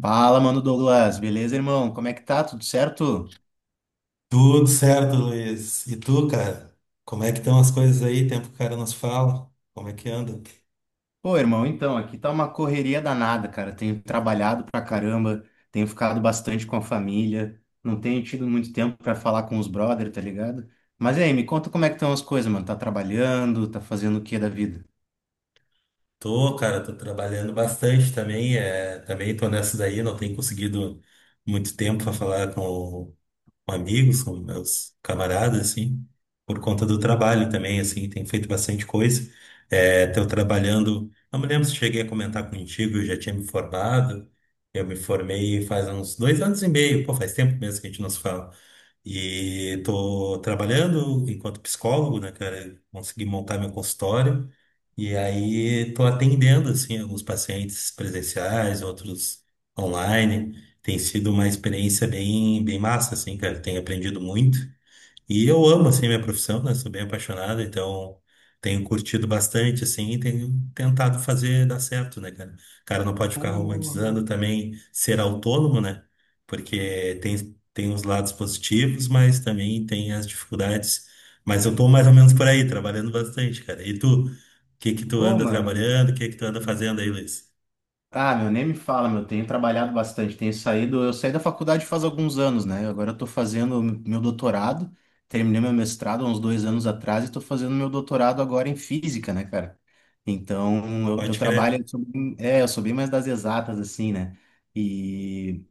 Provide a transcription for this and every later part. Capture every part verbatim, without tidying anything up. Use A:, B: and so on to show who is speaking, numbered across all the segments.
A: Fala, mano Douglas, beleza, irmão? Como é que tá? Tudo certo?
B: Tudo certo, Luiz. E tu, cara? Como é que estão as coisas aí? Tempo que o cara não se fala. Como é que anda?
A: Pô, irmão, então, aqui tá uma correria danada, cara. Tenho trabalhado pra caramba, tenho ficado bastante com a família, não tenho tido muito tempo pra falar com os brother, tá ligado? Mas e aí, me conta como é que estão as coisas, mano. Tá trabalhando, tá fazendo o que da vida?
B: Tô, cara, tô trabalhando bastante também. É, também tô nessa daí, não tenho conseguido muito tempo para falar com, com amigos, com meus camaradas, assim, por conta do trabalho também, assim, tem feito bastante coisa. É, tô trabalhando, não me lembro se cheguei a comentar contigo, eu já tinha me formado, eu me formei faz uns dois anos e meio, pô, faz tempo mesmo que a gente não se fala. E tô trabalhando enquanto psicólogo, né, cara, consegui montar meu consultório, e aí tô atendendo, assim, alguns pacientes presenciais, outros online, tem sido uma experiência bem, bem massa, assim, cara. Tenho aprendido muito. E eu amo, assim, minha profissão, né? Sou bem apaixonado, então tenho curtido bastante, assim, e tenho tentado fazer dar certo, né, cara? O cara não pode ficar
A: Porra.
B: romantizando também ser autônomo, né? Porque tem, tem, os lados positivos, mas também tem as dificuldades. Mas eu tô mais ou menos por aí, trabalhando bastante, cara. E tu, o que que tu
A: Pô,
B: anda
A: mano,
B: trabalhando? O que que tu anda fazendo aí, Luiz?
A: ah, meu, nem me fala, meu. Tenho trabalhado bastante, tenho saído. Eu saí da faculdade faz alguns anos, né? Agora eu tô fazendo meu doutorado. Terminei meu mestrado há uns dois anos atrás e tô fazendo meu doutorado agora em física, né, cara? Então, eu, eu
B: Pode
A: trabalho.
B: crer.
A: Eu sou bem- é, eu sou bem mais das exatas, assim, né? E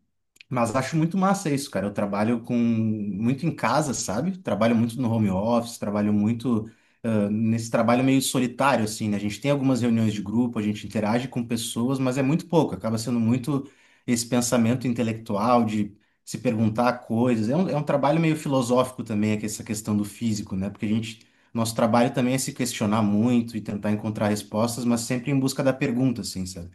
A: mas acho muito massa isso, cara. Eu trabalho com muito em casa, sabe? Trabalho muito no home office, trabalho muito ah, nesse trabalho meio solitário, assim, né? A gente tem algumas reuniões de grupo, a gente interage com pessoas, mas é muito pouco. Acaba sendo muito esse pensamento intelectual de se perguntar coisas. É um, é um trabalho meio filosófico também, é que essa questão do físico, né? Porque a gente, nosso trabalho também é se questionar muito e tentar encontrar respostas, mas sempre em busca da pergunta, assim, sabe?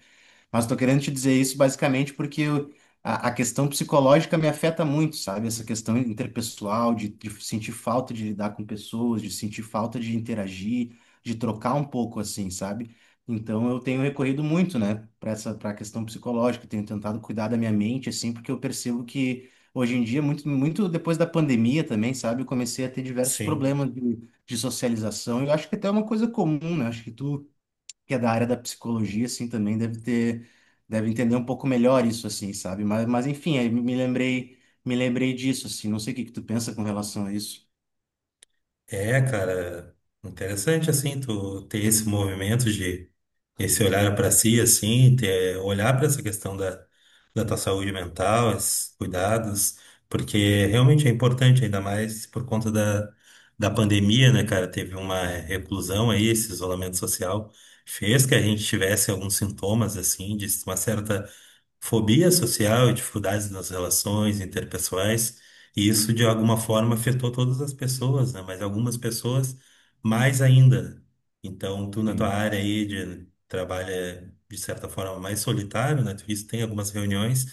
A: Mas tô querendo te dizer isso basicamente porque eu- a, a questão psicológica me afeta muito, sabe? Essa questão interpessoal, de, de sentir falta de lidar com pessoas, de sentir falta de interagir, de trocar um pouco assim, sabe? Então eu tenho recorrido muito, né, para essa, para a questão psicológica, tenho tentado cuidar da minha mente assim, porque eu percebo que hoje em dia, muito, muito depois da pandemia também, sabe? Eu comecei a ter diversos
B: Sim.
A: problemas de, de socialização. Eu acho que até é uma coisa comum, né? Acho que tu que é da área da psicologia, assim, também deve ter, deve entender um pouco melhor isso, assim, sabe? Mas, mas enfim, aí me me lembrei, me lembrei disso, assim, não sei o que que tu pensa com relação a isso.
B: É, cara, interessante assim, tu ter esse movimento de esse olhar para si, assim, ter, olhar para essa questão da, da, tua saúde mental, esses cuidados, porque realmente é importante, ainda mais por conta da, da pandemia, né, cara? Teve uma reclusão aí, esse isolamento social fez que a gente tivesse alguns sintomas, assim, de uma certa fobia social e dificuldades nas relações interpessoais, e isso de alguma forma afetou todas as pessoas, né? Mas algumas pessoas mais ainda. Então, tu na tua área aí de trabalha de certa forma mais solitário, né? Tu disse que tem algumas reuniões,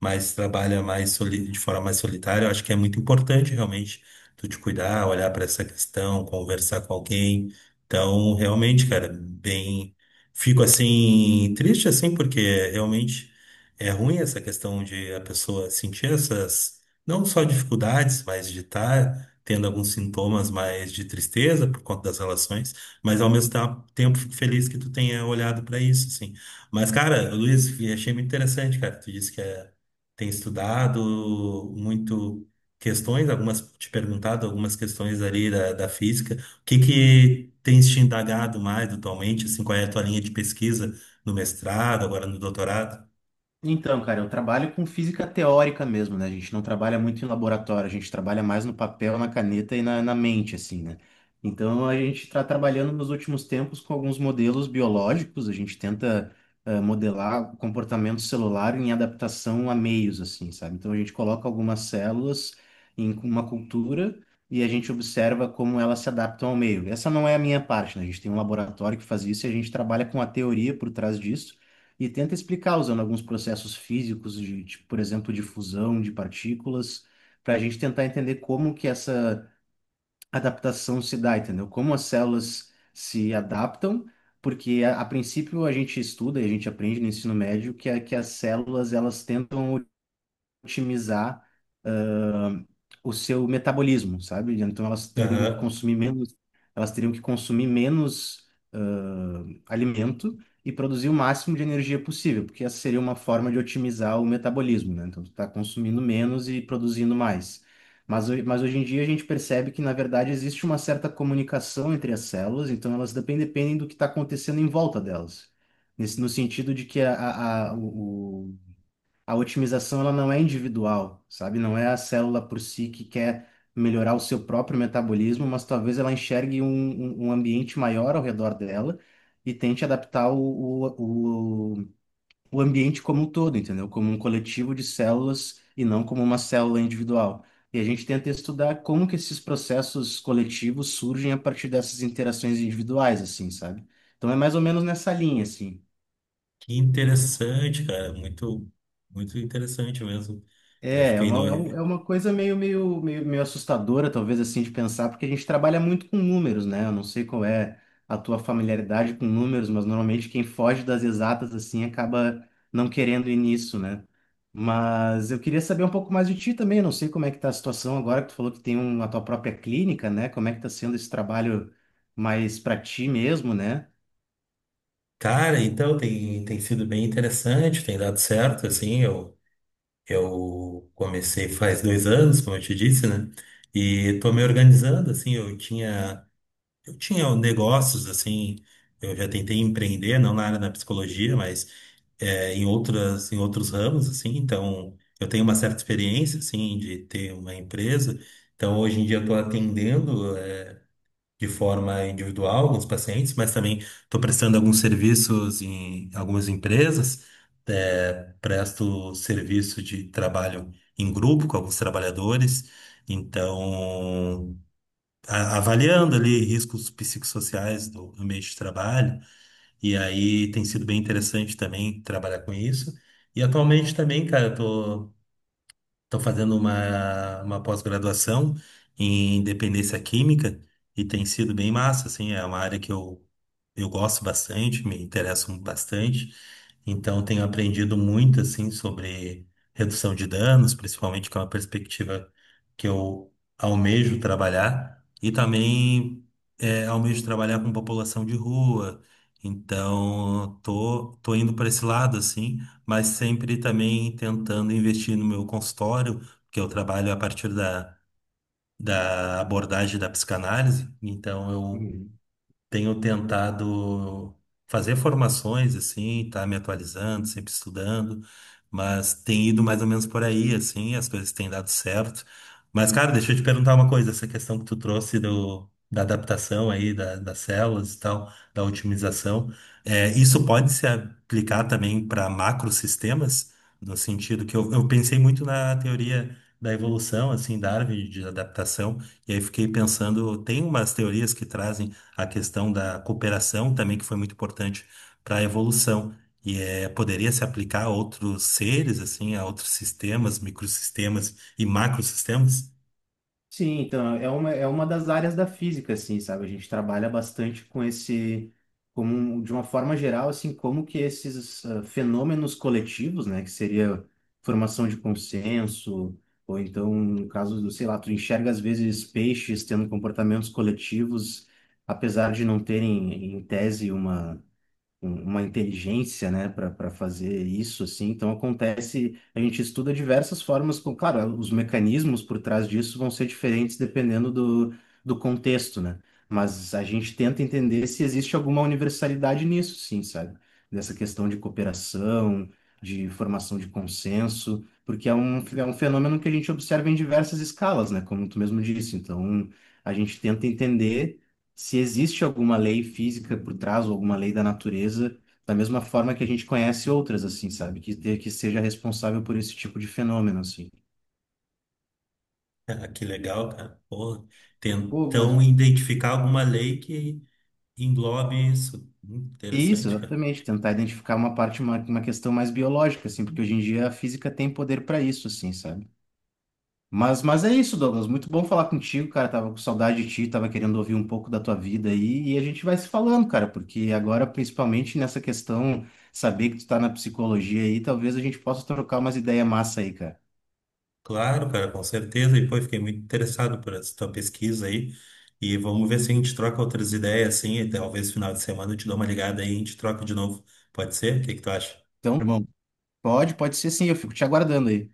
B: mas trabalha mais soli- de forma mais solitária. Eu acho que é muito importante realmente tu te cuidar, olhar para essa questão, conversar com alguém. Então, realmente, cara, bem, fico assim triste assim porque realmente é ruim essa questão de a pessoa sentir essas, não só dificuldades, mas de estar tendo alguns sintomas mais de tristeza por conta das relações, mas ao mesmo ta- tempo fico feliz que tu tenha olhado para isso, assim. Mas, cara, Luiz, achei muito interessante, cara. Tu disse que é, tem estudado muito questões, algumas te perguntado algumas questões ali da, da, física. O que que tens te indagado mais atualmente, assim, qual é a tua linha de pesquisa no mestrado, agora no doutorado?
A: Então, cara, eu trabalho com física teórica mesmo, né? A gente não trabalha muito em laboratório, a gente trabalha mais no papel, na caneta e na, na mente, assim, né? Então, a gente está trabalhando nos últimos tempos com alguns modelos biológicos, a gente tenta eh, modelar o comportamento celular em adaptação a meios, assim, sabe? Então, a gente coloca algumas células em uma cultura e a gente observa como elas se adaptam ao meio. Essa não é a minha parte, né? A gente tem um laboratório que faz isso e a gente trabalha com a teoria por trás disso e tenta explicar usando alguns processos físicos de, de, por exemplo, de fusão de partículas, para a gente tentar entender como que essa adaptação se dá, entendeu? Como as células se adaptam, porque a, a princípio a gente estuda e a gente aprende no ensino médio que, a- que as células elas tentam otimizar ah, o seu metabolismo, sabe? Então elas teriam que
B: Aham.
A: consumir menos, elas teriam que consumir menos ah, alimento e produzir o máximo de energia possível, porque essa seria uma forma de otimizar o metabolismo, né? Então tu tá consumindo menos e produzindo mais. Mas, ho- mas hoje em dia a gente percebe que, na verdade, existe uma certa comunicação entre as células, então elas dependem, dependem do que está acontecendo em volta delas. Nesse, no sentido de que a, a- a- o, a otimização ela não é individual, sabe? Não é a célula por si que quer melhorar o seu próprio metabolismo, mas talvez ela enxergue um, um- um ambiente maior ao redor dela e tente adaptar o, o, o, o ambiente como um todo, entendeu? Como um coletivo de células e não como uma célula individual. E a gente tenta estudar como que esses processos coletivos surgem a partir dessas interações individuais, assim, sabe? Então é mais ou menos nessa linha, assim.
B: Que interessante, cara. Muito, muito interessante mesmo. Eu
A: É, é
B: fiquei no.
A: uma, é um- é uma coisa meio, meio, meio, meio assustadora, talvez, assim, de pensar, porque a gente trabalha muito com números, né? Eu não sei qual é a tua familiaridade com números, mas normalmente quem foge das exatas, assim, acaba não querendo ir nisso, né? Mas eu queria saber um pouco mais de ti também, eu não sei como é que tá a situação agora que tu falou que tem um, a tua própria clínica, né? Como é que tá sendo esse trabalho mais para ti mesmo, né?
B: Cara, então tem, tem sido bem interessante, tem dado certo, assim. Eu, eu comecei faz dois anos, como eu te disse, né? E tô me organizando, assim. Eu tinha, eu tinha negócios, assim. Eu já tentei empreender, não na área da psicologia, mas é, em outras, em outros ramos, assim, então eu tenho uma certa experiência, assim, de ter uma empresa, então hoje em dia eu estou atendendo, é, de forma individual alguns pacientes, mas também estou prestando alguns serviços em algumas empresas, é, presto serviço de trabalho em grupo com alguns trabalhadores, então a- avaliando ali riscos psicossociais do ambiente de trabalho, e aí tem sido bem interessante também trabalhar com isso. E atualmente também, cara, eu tô Estou fazendo uma, uma, pós-graduação em dependência química e tem sido bem massa, assim, é uma área que eu, eu gosto bastante, me interesso bastante, então tenho aprendido muito, assim, sobre redução de danos, principalmente que é uma perspectiva que eu almejo trabalhar e também é, almejo trabalhar com população de rua, então tô, tô indo para esse lado, assim, mas sempre também tentando investir no meu consultório, porque eu trabalho a partir da, da abordagem da psicanálise, então tenho tentado fazer formações, assim, tá me atualizando, sempre estudando, mas tem ido mais ou menos por aí, assim, as coisas têm dado certo. Mas, cara, deixa eu te perguntar uma coisa, essa questão que tu trouxe do, da adaptação aí, da- das células e tal, da otimização, é, isso pode se aplicar também para macrosistemas, no sentido que eu, eu pensei muito na teoria da evolução, assim, Darwin, de adaptação, e aí fiquei pensando, tem umas teorias que trazem a questão da cooperação também, que foi muito importante para a evolução. E é, poderia se aplicar a outros seres, assim, a outros sistemas, microsistemas e macrosistemas?
A: Sim, então é uma, é uma das áreas da física, assim, sabe? A gente trabalha bastante com esse, como, um, de uma forma geral, assim, como que esses ah, fenômenos coletivos, né, que seria formação de consenso, ou então, no caso do, sei lá, tu enxerga às vezes peixes tendo comportamentos coletivos, apesar de não terem, em tese, uma um- uma inteligência, né, para fazer isso, assim. Então acontece, a gente estuda diversas formas, com, claro, os mecanismos por trás disso vão ser diferentes dependendo do, do contexto, né? Mas a gente tenta entender se existe alguma universalidade nisso, sim, sabe? Nessa questão de cooperação, de formação de consenso, porque é um, é um fenômeno que a gente observa em diversas escalas, né? Como tu mesmo disse. Então, a gente tenta entender se existe alguma lei física por trás ou alguma lei da natureza, da mesma forma que a gente conhece outras, assim, sabe? Que, te- que seja responsável por esse tipo de fenômeno, assim.
B: Ah, que legal, cara. Porra.
A: Pô, mas...
B: Tentam identificar alguma lei que englobe isso. Hum,
A: Isso,
B: interessante, cara.
A: exatamente. Tentar identificar uma parte, uma, uma questão mais biológica, assim, porque hoje em dia a física tem poder para isso, assim, sabe? Mas, mas é isso, Douglas. Muito bom falar contigo, cara. Tava com saudade de ti, tava querendo ouvir um pouco da tua vida aí, e a gente vai se falando, cara, porque agora, principalmente nessa questão, saber que tu tá na psicologia aí, talvez a gente possa trocar umas ideias massa aí, cara.
B: Claro, cara, com certeza. E, pô, eu fiquei muito interessado por essa tua pesquisa aí. E vamos ver se a gente troca outras ideias, assim, e talvez final de semana eu te dou uma ligada aí e a gente troca de novo. Pode ser? O que que tu acha?
A: Então, irmão, pode, pode ser sim, eu fico te aguardando aí.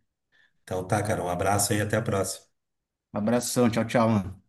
B: Então tá, cara. Um abraço aí e até a próxima.
A: Abração, tchau, tchau, mano.